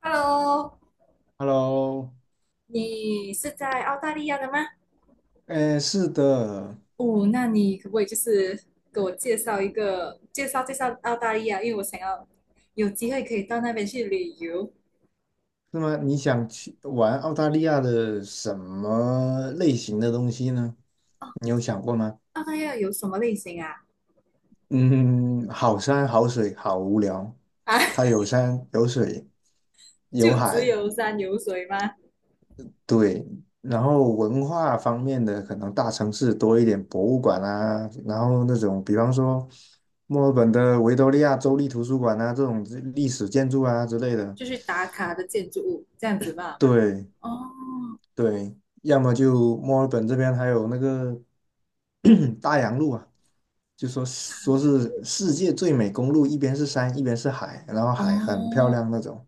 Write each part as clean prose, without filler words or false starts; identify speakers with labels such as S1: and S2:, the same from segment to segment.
S1: Hello，
S2: Hello，
S1: 你是在澳大利亚的吗？
S2: 哎，是的，
S1: 哦，那你可不可以就是给我介绍介绍澳大利亚，因为我想要有机会可以到那边去旅游。
S2: 那么你想去玩澳大利亚的什么类型的东西呢？
S1: 哦，
S2: 你有想过吗？
S1: 澳大利亚有什么类型啊？
S2: 嗯，好山好水好无聊，
S1: 啊，
S2: 它有山有水 有
S1: 就只
S2: 海，
S1: 有山有水吗？
S2: 对。然后文化方面的，可能大城市多一点博物馆啊，然后那种比方说墨尔本的维多利亚州立图书馆啊，这种历史建筑啊之类的，
S1: 就是打卡的建筑物这样子吧吗？
S2: 对。
S1: 哦，
S2: 对，要么就墨尔本这边还有那个 大洋路啊，就说
S1: 洋
S2: 是
S1: 路
S2: 世界最美公路，一边是山，一边是海，然后海很漂
S1: 哦，
S2: 亮那种，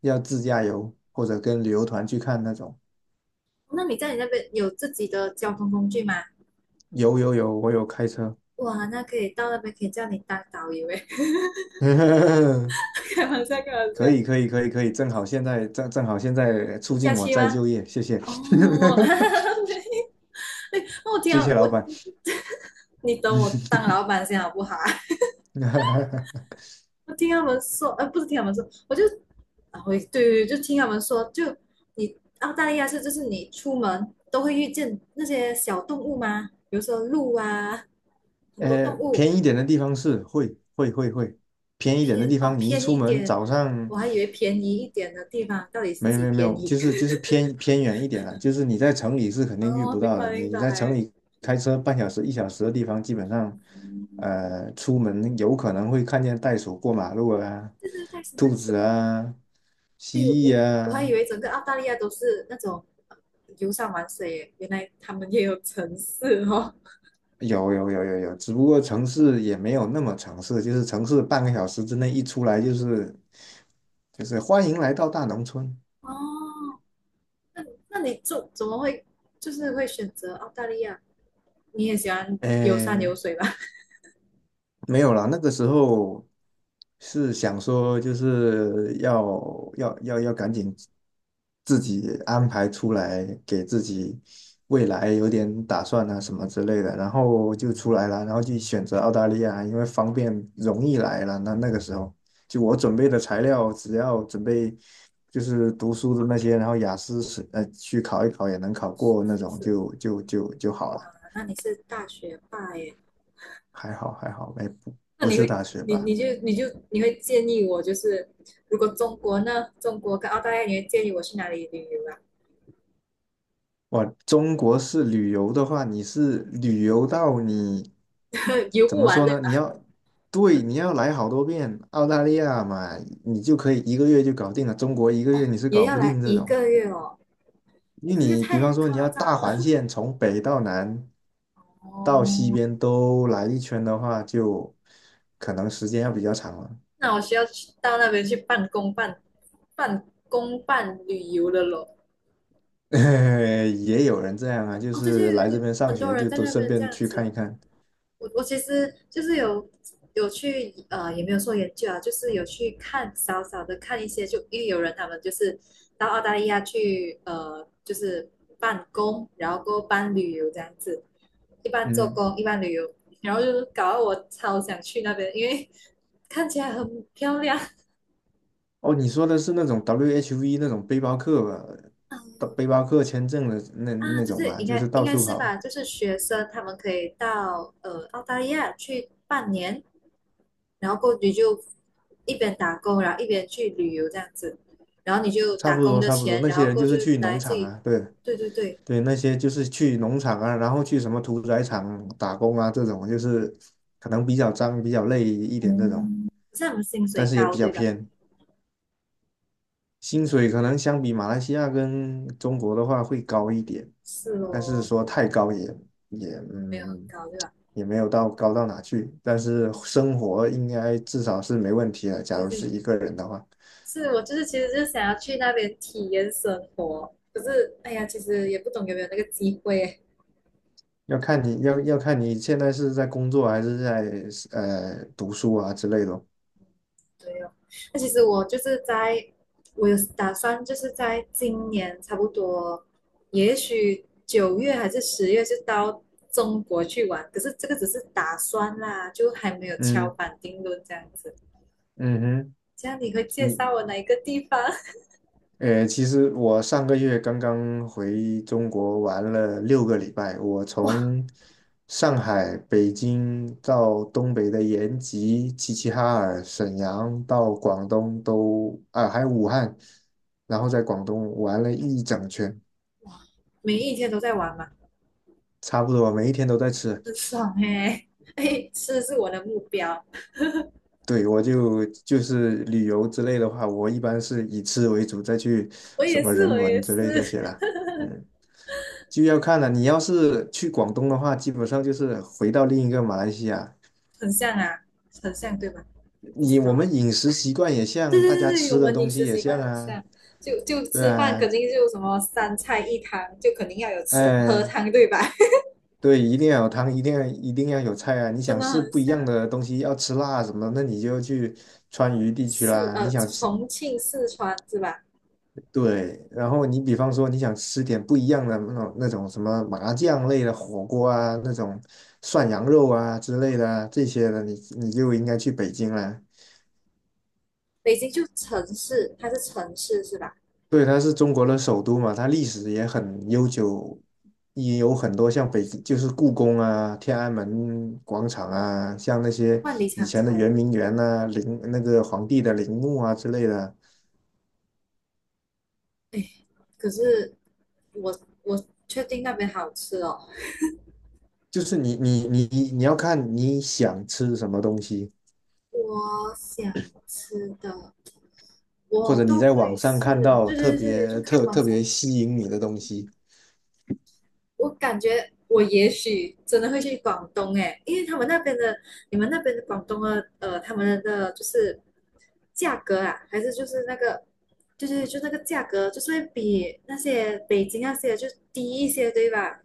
S2: 要自驾游或者跟旅游团去看那种。
S1: 那你那边有自己的交通工具吗？
S2: 有有有，我有开车，
S1: 哇，那到那边可以叫你当导游诶，开玩笑，开玩
S2: 可
S1: 笑，
S2: 以可以可以可以，正好现在促
S1: 假
S2: 进我
S1: 期
S2: 再
S1: 吗？
S2: 就业，谢谢
S1: 哦，哈哈哈没我 听
S2: 谢
S1: 到
S2: 谢
S1: 我，
S2: 老板。
S1: 你等我当老板先好不好？ 我听他们说，不是听他们说，我就啊，我对对对，就听他们说，就你澳大利亚是就是你出门都会遇见那些小动物吗？比如说鹿啊，很多动物，
S2: 偏一点的地方是会偏一点的地
S1: 哦
S2: 方，你一
S1: 偏
S2: 出
S1: 一
S2: 门
S1: 点，
S2: 早上
S1: 我还以为便宜一点的地方到底是
S2: 没有
S1: 几
S2: 没有没
S1: 便
S2: 有，
S1: 宜？
S2: 就是就 是偏远一点了，就是你在城里是肯定遇
S1: 哦，
S2: 不
S1: 明
S2: 到的。
S1: 白明
S2: 你在城
S1: 白，
S2: 里开车半小时一小时的地方，基本上出门有可能会看见袋鼠过马路啊，
S1: 这是太实
S2: 兔
S1: 在
S2: 子
S1: 是，
S2: 啊，蜥
S1: 哎呦我
S2: 蜴
S1: 我还以
S2: 啊，
S1: 为整个澳大利亚都是那种游山玩水原来他们也有城市哦。
S2: 有有有有有，只不过城市也没有那么城市，就是城市半个小时之内一出来就是欢迎来到大农村。
S1: 哦，那你就怎么会就是会选择澳大利亚？你也喜欢游山
S2: 诶，
S1: 游水吧？
S2: 没有啦，那个时候是想说，就是要赶紧自己安排出来，给自己未来有点打算啊什么之类的，然后就出来了，然后就选择澳大利亚，因为方便容易来了。那个时候，就我准备的材料，只要准备就是读书的那些，然后雅思是去考一考也能考过那
S1: 是不
S2: 种，
S1: 是？
S2: 就好了，
S1: 哇，那你是大学霸耶？
S2: 还好还好，哎，不
S1: 那
S2: 不
S1: 你
S2: 是
S1: 会
S2: 大学
S1: 你
S2: 吧。
S1: 你就你就你会建议我就是如果中国呢，中国跟澳大利亚，你会建议我去哪里旅游啊？
S2: 哇，中国式旅游的话，你是旅游到你
S1: 游
S2: 怎
S1: 不
S2: 么
S1: 完
S2: 说
S1: 的，
S2: 呢？你要对，你要来好多遍澳大利亚嘛，你就可以一个月就搞定了。中国一个月你是
S1: 也
S2: 搞
S1: 要
S2: 不
S1: 来
S2: 定这
S1: 一
S2: 种，
S1: 个月哦，
S2: 因
S1: 一
S2: 为
S1: 个月
S2: 你比方
S1: 太
S2: 说你
S1: 夸
S2: 要
S1: 张
S2: 大环
S1: 了。
S2: 线从北到南到西
S1: 哦。
S2: 边都来一圈的话，就可能时间要比较长了。
S1: 那我需要去到那边去办公办旅游了咯。
S2: 也有人这样啊，就
S1: 哦，这些
S2: 是来这边上
S1: 很多
S2: 学
S1: 人
S2: 就
S1: 在
S2: 都
S1: 那
S2: 顺
S1: 边这
S2: 便
S1: 样
S2: 去看
S1: 子。
S2: 一看。
S1: 我其实就是有去也没有说研究啊，就是有去看少少的看一些，就因为有人他们就是到澳大利亚去就是办公，然后过后办旅游这样子，一般做
S2: 嗯。
S1: 工，一般旅游，然后就是搞得我超想去那边，因为看起来很漂亮。
S2: 哦，你说的是那种 WHV 那种背包客吧，到
S1: 嗯，
S2: 背包客签证的那
S1: 啊，
S2: 那
S1: 就
S2: 种
S1: 是
S2: 吧，
S1: 应
S2: 就是
S1: 该应
S2: 到
S1: 该
S2: 处
S1: 是
S2: 跑，
S1: 吧，就是学生他们可以到澳大利亚去半年，然后过你就一边打工，然后一边去旅游这样子，然后你就
S2: 差
S1: 打
S2: 不
S1: 工
S2: 多
S1: 的
S2: 差不多。
S1: 钱，
S2: 那
S1: 然
S2: 些
S1: 后
S2: 人
S1: 过
S2: 就是
S1: 去
S2: 去
S1: 来
S2: 农
S1: 自
S2: 场
S1: 己，
S2: 啊，对
S1: 对对对，
S2: 对，那些就是去农场啊，然后去什么屠宰场打工啊，这种就是可能比较脏、比较累一点这种，
S1: 嗯，可是他们薪水
S2: 但是也
S1: 高
S2: 比较
S1: 对吧？
S2: 偏，薪水可能相比马来西亚跟中国的话会高一点，
S1: 是
S2: 但是
S1: 哦，
S2: 说太高也也
S1: 没有很
S2: 嗯。
S1: 高对吧？
S2: 也没有到高到哪去，但是生活应该至少是没问题的。假
S1: 对
S2: 如是
S1: 对，
S2: 一个人的话，
S1: 是我就是其实就是想要去那边体验生活，可是哎呀，其实也不懂有没有那个机会。
S2: 要看你现在是在工作还是在读书啊之类的。
S1: 对哦，那其实我就是在，我有打算就是在今年差不多，也许9月还是10月就到中国去玩，可是这个只是打算啦，就还没有敲
S2: 嗯
S1: 板定论这样子。
S2: 嗯
S1: 这样你会
S2: 哼，
S1: 介绍
S2: 你
S1: 我哪一个地方？
S2: 其实我上个月刚刚回中国玩了6个礼拜，我从上海、北京到东北的延吉、齐齐哈尔、沈阳，到广东都啊，还有武汉，然后在广东玩了一整圈，
S1: 每一天都在玩嘛，
S2: 差不多每一天都在吃。
S1: 很爽嘿、哎，吃是我的目标，
S2: 对，我就是旅游之类的话，我一般是以吃为主，再去
S1: 我
S2: 什
S1: 也
S2: 么
S1: 是，
S2: 人
S1: 我也
S2: 文之类这
S1: 是，
S2: 些啦。嗯。就要看了。你要是去广东的话，基本上就是回到另一个马来西亚。
S1: 很像啊，很像对吧？不知
S2: 你
S1: 道
S2: 我
S1: 哎、
S2: 们饮食习惯也
S1: 对
S2: 像，
S1: 对
S2: 大家
S1: 对对，
S2: 吃
S1: 我
S2: 的
S1: 们
S2: 东
S1: 饮食
S2: 西也
S1: 习惯
S2: 像
S1: 很
S2: 啊，
S1: 像，就
S2: 对
S1: 吃饭
S2: 啊，
S1: 肯定就什么三菜一汤，就肯定要有吃喝
S2: 哎，
S1: 汤，对吧？
S2: 对，一定要有汤，一定要有菜啊。你
S1: 真
S2: 想
S1: 的
S2: 吃
S1: 很
S2: 不一样
S1: 像
S2: 的东西，要吃辣什么，那你就去川渝地区啦。你想吃，
S1: 重庆、四川是吧？
S2: 对，然后你比方说你想吃点不一样的那种什么麻酱类的火锅啊，那种涮羊肉啊之类的啊这些的，你就应该去北京了。
S1: 北京就城市，它是城市是吧？
S2: 对，它是中国的首都嘛，它历史也很悠久，也有很多像北，就是故宫啊、天安门广场啊，像那些
S1: 万里
S2: 以
S1: 长
S2: 前的
S1: 城，
S2: 圆明园呐、陵那个皇帝的陵墓啊之类的。
S1: 哎，可是我确定那边好吃哦，
S2: 就是你要看你想吃什么东西，
S1: 我想吃的
S2: 或者
S1: 我
S2: 你
S1: 都
S2: 在
S1: 可以
S2: 网上看
S1: 试，
S2: 到
S1: 对
S2: 特
S1: 对对，就
S2: 别
S1: 看
S2: 特
S1: 网
S2: 特
S1: 上
S2: 别吸引你的东西，
S1: 我感觉我也许真的会去广东诶，因为他们那边的，你们那边的广东的，他们的就是价格啊，还是就是那个，就那个价格，就是会比那些北京那些就低一些，对吧？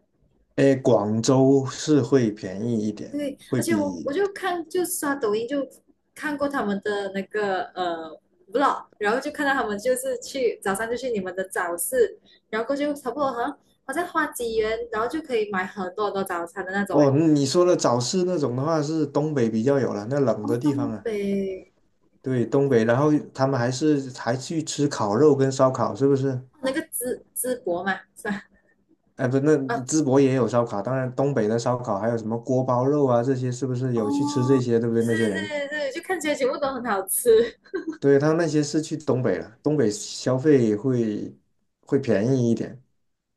S2: 哎，广州是会便宜一点，
S1: 对，
S2: 会
S1: 而且我
S2: 比
S1: 就刷抖音就看过他们的那个vlog，然后就看到他们就是去早上就去你们的早市，然后过去差不多好像花几元，然后就可以买很多很多早餐的那种欸。
S2: 哦你说的早市那种的话是东北比较有了，那冷
S1: 哦，
S2: 的地
S1: 东
S2: 方啊。
S1: 北，
S2: 对，东北，然后他们还去吃烤肉跟烧烤，是不是？
S1: 哦那个淄博嘛，是吧？
S2: 哎，不，那
S1: 啊，
S2: 淄博也有烧烤，当然东北的烧烤还有什么锅包肉啊，这些是不是有去吃这
S1: 哦，
S2: 些，对不对？那些
S1: 对对
S2: 人，
S1: 对对，就看起来全部都很好吃，
S2: 对，他那些是去东北了，东北消费会便宜一点，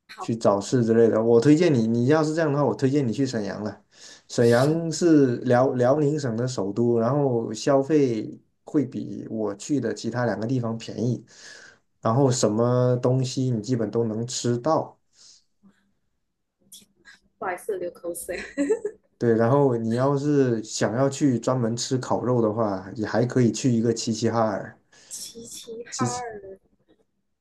S1: 好
S2: 去早市之类的。我推荐你，你要是这样的话，我推荐你去沈阳了。沈
S1: 吃，
S2: 阳是辽宁省的首都，然后消费会比我去的其他两个地方便宜，然后什么东西你基本都能吃到。
S1: 不好意思，流口水。
S2: 对，然后你要是想要去专门吃烤肉的话，也还可以去一个齐齐哈尔。
S1: 齐齐哈尔，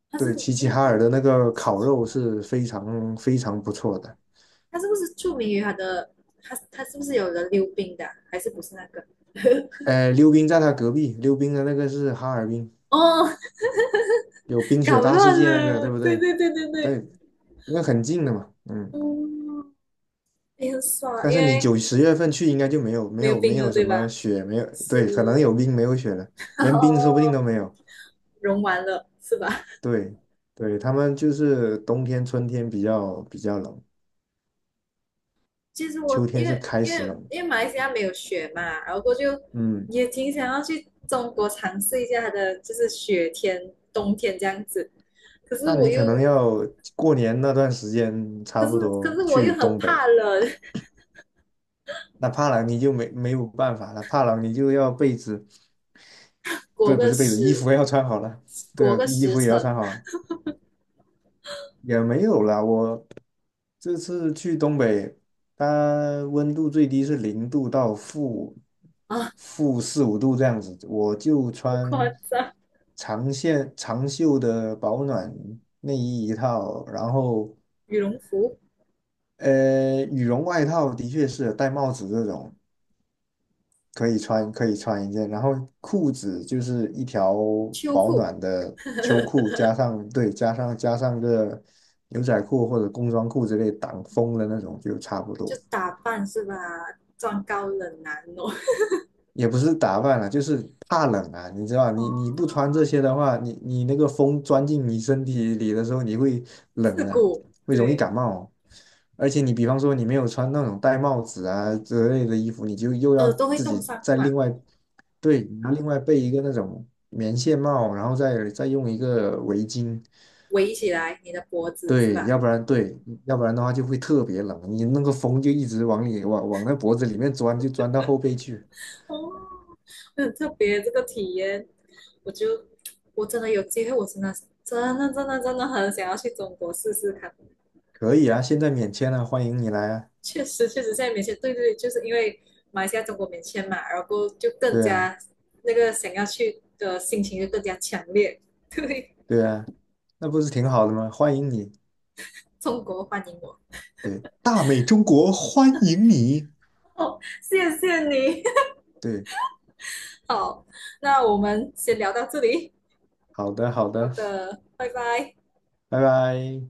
S1: 它
S2: 对，
S1: 是
S2: 齐齐
S1: 那
S2: 哈尔
S1: 个
S2: 的那个
S1: 齐
S2: 烤
S1: 齐哈
S2: 肉
S1: 尔，
S2: 是非常非常不错的。
S1: 它是不是著名于它的？它是不是有人溜冰的啊还是不是那个？
S2: 溜冰在他隔壁，溜冰的那个是哈尔滨，
S1: 哦，
S2: 有冰
S1: 搞
S2: 雪大世
S1: 乱
S2: 界那个，
S1: 了，
S2: 对不
S1: 对
S2: 对？
S1: 对对对
S2: 对，
S1: 对，
S2: 因为很近的嘛，嗯。
S1: 嗯，也很爽，
S2: 但
S1: 因
S2: 是你
S1: 为
S2: 9、10月份去应该就没有没
S1: 没有
S2: 有没
S1: 冰了，
S2: 有
S1: 对
S2: 什么
S1: 吧？
S2: 雪，没有，对，可能
S1: 是，
S2: 有冰没有雪了，连冰说不定
S1: 哦，
S2: 都没有。
S1: 融完了，是吧？
S2: 对，对，他们就是冬天、春天比较冷，
S1: 其实
S2: 秋
S1: 我
S2: 天
S1: 因
S2: 是
S1: 为
S2: 开
S1: 因为
S2: 始冷，
S1: 因为马来西亚没有雪嘛，然后过就
S2: 嗯。
S1: 也挺想要去中国尝试一下它的就是雪天冬天这样子，可是
S2: 那
S1: 我
S2: 你
S1: 又
S2: 可能要过年那段时间差
S1: 可是
S2: 不
S1: 可
S2: 多
S1: 是我又
S2: 去
S1: 很
S2: 东北。
S1: 怕冷，
S2: 那怕冷你就没有办法了，怕冷你就要被子，
S1: 裹
S2: 不不
S1: 个
S2: 是被子，衣
S1: 十
S2: 服要穿好了，对
S1: 裹
S2: 啊，
S1: 个
S2: 衣
S1: 十
S2: 服也要
S1: 层
S2: 穿好啊也没有了。我这次去东北，它温度最低是0度到负
S1: 啊，
S2: 负四五度这样子，我就
S1: 好夸
S2: 穿
S1: 张！
S2: 长线长袖的保暖内衣一套，然后
S1: 羽绒服、
S2: 羽绒外套的确是戴帽子这种。可以穿，可以穿一件，然后裤子就是一条
S1: 秋
S2: 保
S1: 裤
S2: 暖的秋裤，加上对，加上个牛仔裤或者工装裤之类挡风的那种就差不
S1: 就
S2: 多，
S1: 打扮是吧？装高冷男哦，
S2: 也不是打扮了，就是怕冷啊，你知道吧，你不
S1: 哦，
S2: 穿这些的话，你那个风钻进你身体里的时候，你会冷
S1: 刺
S2: 啊，
S1: 骨，
S2: 会容易
S1: 对，
S2: 感冒哦。而且你比方说你没有穿那种戴帽子啊之类的衣服，你就又
S1: 耳
S2: 要
S1: 朵会
S2: 自
S1: 冻
S2: 己
S1: 伤是
S2: 再
S1: 吧？
S2: 另外对，你要另外备一个那种棉线帽，然后再用一个围巾，
S1: 围起来你的脖子是
S2: 对，
S1: 吧？
S2: 要不然对，要不然的话就会特别冷，你那个风就一直往里往那脖子里面钻，就钻到后背去。
S1: 哦，很特别这个体验，我就我真的有机会，我真的真的真的真的很想要去中国试试看。
S2: 可以啊，现在免签了，欢迎你来啊！
S1: 确实确实，现在免签，对对，就是因为马来西亚中国免签嘛，然后就更
S2: 对啊，
S1: 加那个想要去的心情就更加强烈。对，
S2: 对啊，那不是挺好的吗？欢迎你，
S1: 中国欢迎我。
S2: 对，大美中国欢迎你，
S1: 哦，谢谢你。
S2: 对，
S1: 好，那我们先聊到这里。
S2: 好的，好
S1: 好
S2: 的，
S1: 的，拜拜。
S2: 拜拜。